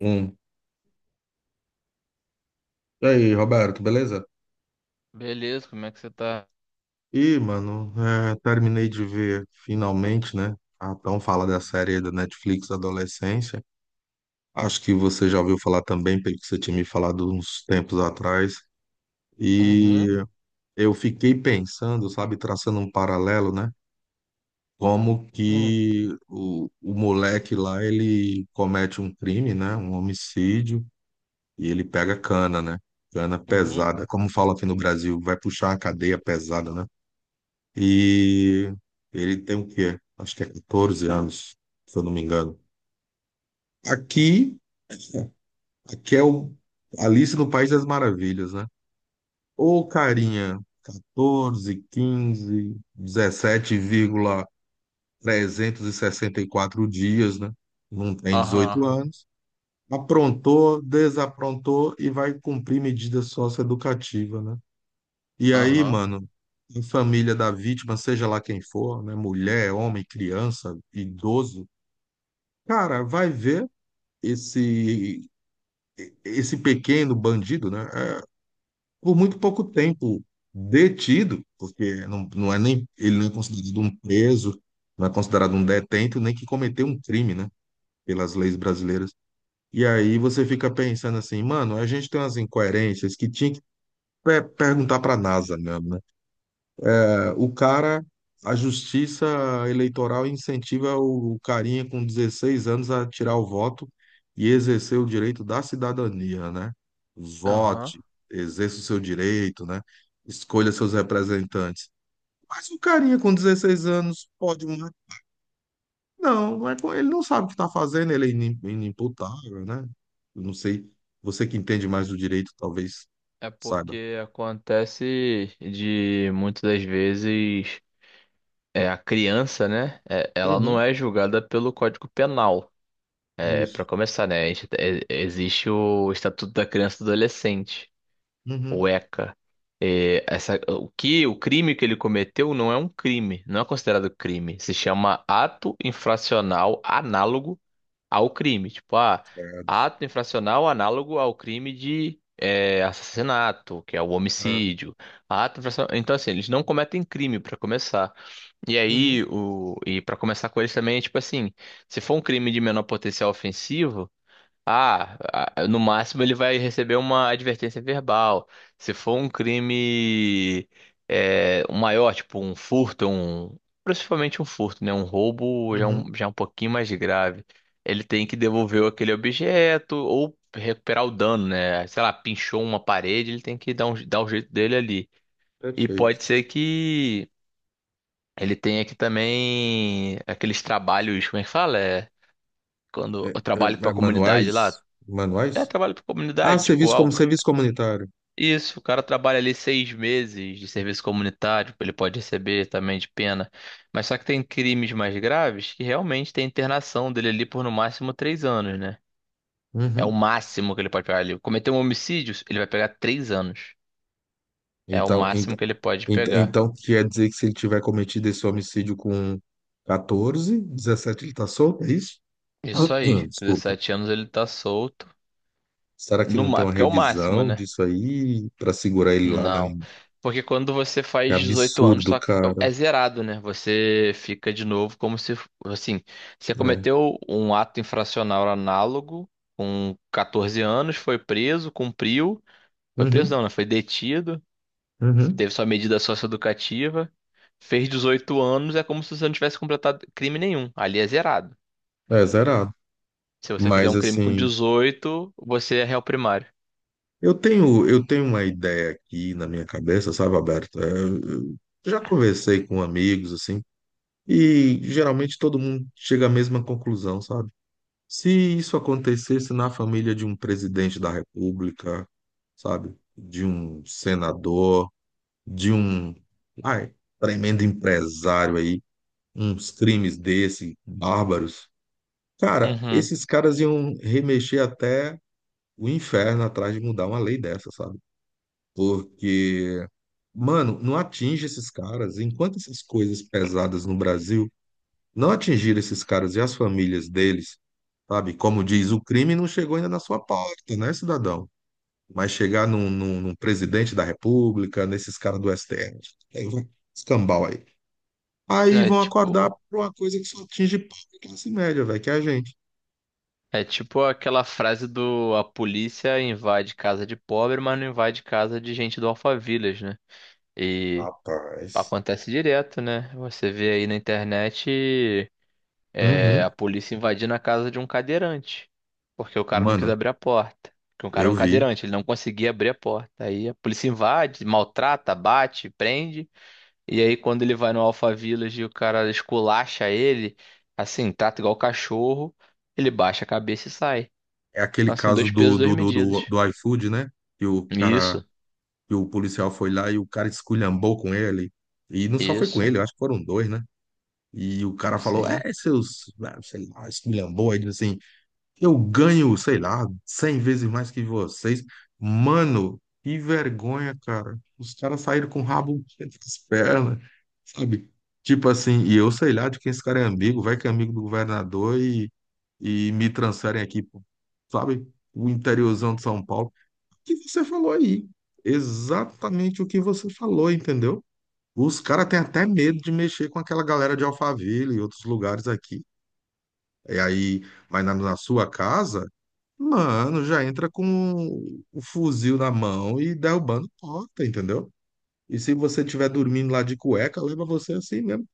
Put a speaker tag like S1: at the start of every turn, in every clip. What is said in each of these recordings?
S1: Um. E aí, Roberto, beleza?
S2: Beleza, como é que você tá?
S1: Ih, mano, terminei de ver finalmente, né? A tão fala da série da Netflix Adolescência. Acho que você já ouviu falar também, pelo que você tinha me falado uns tempos atrás. E
S2: Uhum.
S1: eu fiquei pensando, sabe, traçando um paralelo, né? Como
S2: Hum.
S1: que o moleque lá, ele comete um crime, né? Um homicídio, e ele pega cana, né? Cana
S2: Uhum.
S1: pesada. Como fala aqui no Brasil, vai puxar a cadeia pesada, né? E ele tem o quê? Acho que é 14 anos, se eu não me engano. Aqui, aqui é o Alice no País das Maravilhas, né? Ô, carinha, 14, 15 17,364 dias, né? Não tem
S2: Aham.
S1: 18 anos. Aprontou, desaprontou e vai cumprir medida socioeducativa, né? E aí,
S2: Aham.
S1: mano, a família da vítima, seja lá quem for, né? Mulher, homem, criança, idoso, cara, vai ver esse esse pequeno bandido, né? Por muito pouco tempo detido, porque não, não é nem ele não é considerado um preso, não é considerado um detento, nem que cometeu um crime, né? Pelas leis brasileiras. E aí você fica pensando assim, mano, a gente tem umas incoerências que tinha que perguntar para a NASA, né? O cara, a justiça eleitoral incentiva o carinha com 16 anos a tirar o voto e exercer o direito da cidadania, né?
S2: Aham.
S1: Vote, exerça o seu direito, né? Escolha seus representantes. Mas o carinha com 16 anos pode, né? Não, não é ele não sabe o que está fazendo, ele é inimputável, né? Eu não sei, você que entende mais do direito, talvez
S2: É
S1: saiba.
S2: porque acontece de muitas das vezes a criança, né? Ela
S1: Uhum,
S2: não é julgada pelo Código Penal. É, para
S1: isso.
S2: começar, né? Existe o Estatuto da Criança e do Adolescente, o
S1: Uhum.
S2: ECA. É, o crime que ele cometeu não é um crime, não é considerado crime. Se chama ato infracional análogo ao crime. Tipo,
S1: Certo.
S2: ato infracional análogo ao crime de assassinato, que é o
S1: É.
S2: homicídio. Então, assim, eles não cometem crime para começar. E aí,
S1: Uhum,
S2: e para começar com eles também, é tipo assim, se for um crime de menor potencial ofensivo. Ah, no máximo ele vai receber uma advertência verbal. Se for um crime um maior, tipo um furto, principalmente um furto, né? Um roubo já é
S1: uhum.
S2: um, já é um pouquinho mais grave. Ele tem que devolver aquele objeto ou recuperar o dano, né? Sei lá, pinchou uma parede, ele tem que dar o jeito dele ali. E
S1: Perfeito.
S2: pode ser que ele tenha que também aqueles trabalhos, como é que fala? É, quando eu
S1: É,
S2: trabalho para
S1: é,
S2: a comunidade lá.
S1: manuais?
S2: É
S1: Manuais?
S2: trabalho para
S1: Ah,
S2: comunidade, tipo,
S1: serviço como serviço comunitário.
S2: isso, o cara trabalha ali 6 meses de serviço comunitário, ele pode receber também de pena. Mas só que tem crimes mais graves que realmente tem internação dele ali por no máximo 3 anos, né? É o
S1: Uhum.
S2: máximo que ele pode pegar ali. Cometer um homicídio, ele vai pegar 3 anos. É o
S1: Então,
S2: máximo
S1: então,
S2: que ele pode
S1: ent-
S2: pegar.
S1: então quer dizer que se ele tiver cometido esse homicídio com 14, 17, ele tá solto, é isso?
S2: Isso aí, com
S1: Desculpa.
S2: 17 anos ele tá solto.
S1: Será que
S2: No,
S1: não tem
S2: ma-
S1: uma
S2: Porque é o máximo,
S1: revisão
S2: né?
S1: disso aí pra segurar ele lá na...
S2: Não. Porque quando você
S1: Que
S2: faz 18 anos,
S1: absurdo,
S2: só
S1: cara.
S2: é zerado, né? Você fica de novo como se, assim, você
S1: É.
S2: cometeu um ato infracional análogo com 14 anos, foi preso, cumpriu, foi preso
S1: Uhum,
S2: não, né? Foi detido,
S1: uhum.
S2: teve sua medida socioeducativa, fez 18 anos, é como se você não tivesse completado crime nenhum. Ali é zerado.
S1: É zerado.
S2: Se você fizer
S1: Mas
S2: um crime com
S1: assim,
S2: 18, você é réu primário.
S1: eu tenho uma ideia aqui na minha cabeça, sabe, Alberto? É, eu já conversei com amigos, assim, e geralmente todo mundo chega à mesma conclusão, sabe? Se isso acontecesse na família de um presidente da República, sabe? De um senador, de um, ai, tremendo empresário aí, uns crimes desse, bárbaros. Cara,
S2: Uhum.
S1: esses caras iam remexer até o inferno atrás de mudar uma lei dessa, sabe? Porque, mano, não atinge esses caras. Enquanto essas coisas pesadas no Brasil não atingir esses caras e as famílias deles, sabe? Como diz, o crime não chegou ainda na sua porta, né, cidadão? Mas chegar num presidente da República, nesses caras do STF, aí vai escambau aí. Aí
S2: É
S1: vão acordar
S2: tipo.
S1: pra uma coisa que só atinge pobre e classe média, velho, que é a gente.
S2: É tipo aquela frase do a polícia invade casa de pobre, mas não invade casa de gente do Alphaville, né? E
S1: Rapaz.
S2: acontece direto, né? Você vê aí na internet a
S1: Uhum.
S2: polícia invadindo a casa de um cadeirante, porque o cara não quis
S1: Mano,
S2: abrir a porta. Porque o cara é
S1: eu
S2: um
S1: vi.
S2: cadeirante, ele não conseguia abrir a porta. Aí a polícia invade, maltrata, bate, prende. E aí quando ele vai no Alphaville e o cara esculacha ele, assim, trata igual cachorro, ele baixa a cabeça e sai.
S1: É aquele
S2: Então, assim,
S1: caso
S2: dois
S1: do,
S2: pesos, duas
S1: do, do, do,
S2: medidas.
S1: do iFood, né? Que o cara,
S2: Isso,
S1: que o policial foi lá e o cara esculhambou com ele. E não só foi com
S2: isso.
S1: ele, eu acho que foram dois, né? E o cara falou,
S2: Sim.
S1: é, seus, ah, sei lá, esculhamboide, assim, eu ganho, sei lá, 100 vezes mais que vocês. Mano, que vergonha, cara. Os caras saíram com o rabo entre as pernas, sabe? Tipo assim, e eu sei lá de quem esse cara é amigo, vai que é amigo do governador e me transferem aqui, pô, sabe? O interiorzão de São Paulo. O que você falou aí? Exatamente o que você falou, entendeu? Os caras têm até medo de mexer com aquela galera de Alphaville e outros lugares aqui. E aí, mas na sua casa, mano, já entra com o fuzil na mão e derrubando porta, entendeu? E se você estiver dormindo lá de cueca, leva você assim mesmo,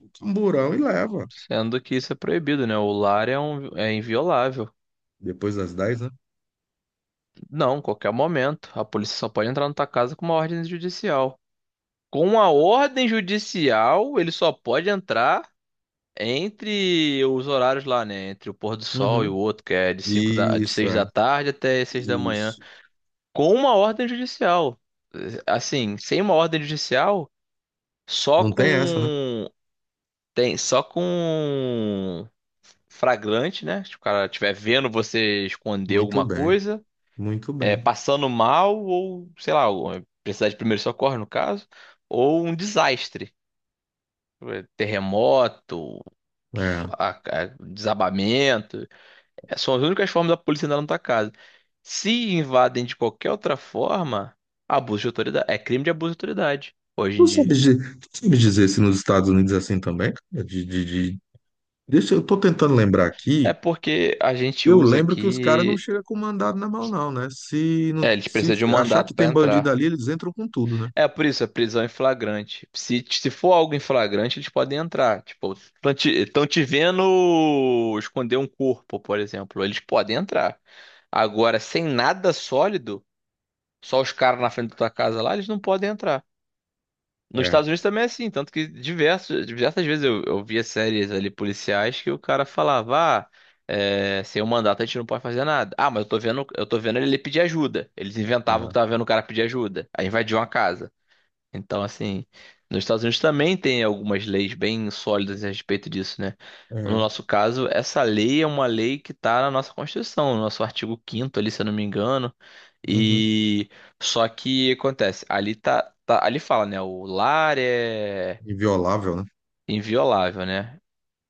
S1: um camburão e leva.
S2: Sendo que isso é proibido, né? O lar é inviolável.
S1: Depois das 10, né?
S2: Não, qualquer momento. A polícia só pode entrar na tua casa com uma ordem judicial. Com a ordem judicial, ele só pode entrar entre os horários lá, né? Entre o pôr do sol e o
S1: Uhum.
S2: outro, que é de de
S1: Isso,
S2: 6 da
S1: é.
S2: tarde até seis da manhã.
S1: Isso.
S2: Com uma ordem judicial. Assim, sem uma ordem judicial, só
S1: Não tem essa, né?
S2: com. Tem, só com fragrante, né? Se o cara estiver vendo você esconder
S1: Muito
S2: alguma
S1: bem,
S2: coisa,
S1: muito bem.
S2: passando mal, ou sei lá, ou precisar de primeiro socorro, no caso, ou um desastre, terremoto,
S1: É.
S2: desabamento. É, são as únicas formas da polícia entrar na tua casa. Se invadem de qualquer outra forma, abuso de autoridade. É crime de abuso de autoridade hoje em dia.
S1: Tu sabe dizer se nos Estados Unidos é assim também, cara? Deixa, eu tô tentando lembrar
S2: É
S1: aqui.
S2: porque a gente
S1: Eu
S2: usa
S1: lembro que os caras não
S2: aqui.
S1: chegam com mandado na mão, não, né? Se, não,
S2: É, eles
S1: se
S2: precisam de um
S1: achar
S2: mandato
S1: que
S2: para
S1: tem bandido
S2: entrar.
S1: ali, eles entram com tudo, né?
S2: É por isso, a prisão em flagrante. Se for algo em flagrante, eles podem entrar. Tipo, tão te vendo esconder um corpo, por exemplo. Eles podem entrar. Agora, sem nada sólido, só os caras na frente da tua casa lá, eles não podem entrar. Nos
S1: É,
S2: Estados Unidos também é assim, tanto que diversas vezes eu via séries ali policiais que o cara falava, sem o mandato a gente não pode fazer nada. Ah, mas eu tô vendo ele pedir ajuda. Eles inventavam que
S1: é,
S2: tava vendo o cara pedir ajuda. Aí invadiu uma casa. Então, assim, nos Estados Unidos também tem algumas leis bem sólidas a respeito disso, né? No
S1: é.
S2: nosso caso, essa lei é uma lei que está na nossa Constituição, no nosso artigo quinto ali, se eu não me engano.
S1: Uhum.
S2: E só que acontece, ali fala, né? O lar é
S1: Inviolável, né?
S2: inviolável, né?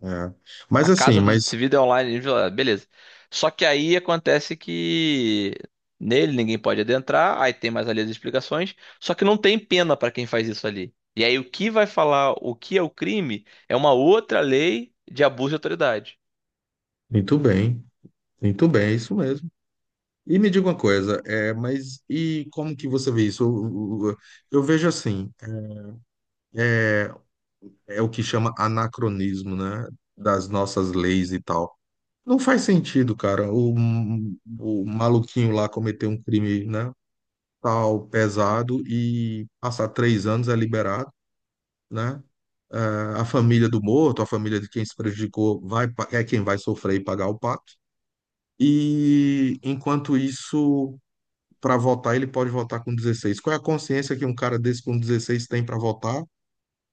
S1: É. Mas
S2: A
S1: assim,
S2: casa do
S1: mas
S2: Desimpedido é online, ah, beleza. Só que aí acontece que nele ninguém pode adentrar, aí tem mais ali as explicações, só que não tem pena para quem faz isso ali. E aí o que vai falar o que é o crime é uma outra lei de abuso de autoridade.
S1: muito bem, muito bem, é isso mesmo. E me diga uma coisa, é, mas e como que você vê isso? Eu vejo assim, é, é o que chama anacronismo, né? Das nossas leis e tal. Não faz sentido, cara. O maluquinho lá cometer um crime, né, tal, pesado e passar 3 anos é liberado, né? Eh, a família do morto, a família de quem se prejudicou, é quem vai sofrer e pagar o pato. E enquanto isso, para votar, ele pode votar com 16. Qual é a consciência que um cara desse com 16 tem para votar?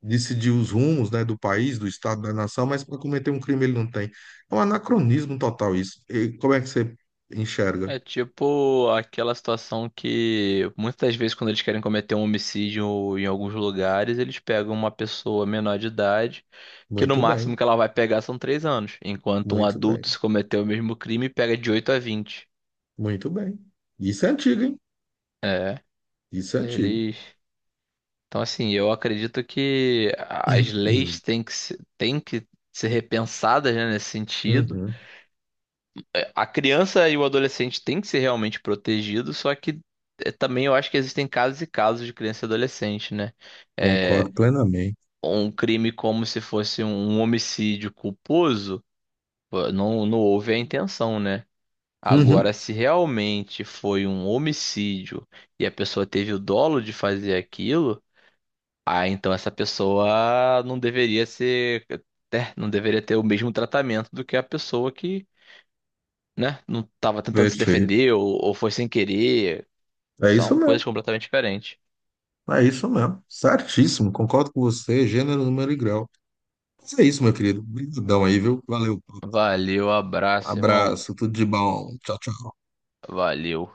S1: Decidir os rumos, né, do país, do estado, da nação, mas para cometer um crime ele não tem. É um anacronismo total isso. E como é que você enxerga?
S2: É tipo aquela situação que muitas das vezes quando eles querem cometer um homicídio em alguns lugares, eles pegam uma pessoa menor de idade, que no
S1: Muito bem,
S2: máximo que ela vai pegar são 3 anos, enquanto um
S1: muito bem,
S2: adulto se cometer o mesmo crime pega de 8 a 20.
S1: muito bem. Isso é antigo, hein?
S2: É,
S1: Isso é antigo.
S2: eles. Então assim, eu acredito que as leis têm que se- têm que ser repensadas, né, nesse sentido.
S1: Uhum,
S2: É, a criança e o adolescente têm que ser realmente protegidos, só que também eu acho que existem casos e casos de criança e adolescente, né? É,
S1: concordo plenamente.
S2: um crime como se fosse um homicídio culposo, pô, não houve a intenção, né? Agora,
S1: Uhum,
S2: se realmente foi um homicídio e a pessoa teve o dolo de fazer aquilo, ah, então essa pessoa não deveria ser, né, não deveria ter o mesmo tratamento do que a pessoa que né? Não tava tentando se
S1: perfeito.
S2: defender ou foi sem querer.
S1: É isso
S2: São
S1: mesmo.
S2: coisas completamente diferentes.
S1: É isso mesmo. Certíssimo. Concordo com você. Gênero, número e grau. Mas é isso, meu querido. Obrigadão aí, viu? Valeu.
S2: Valeu, abraço, irmão.
S1: Abraço. Tudo de bom. Tchau, tchau.
S2: Valeu.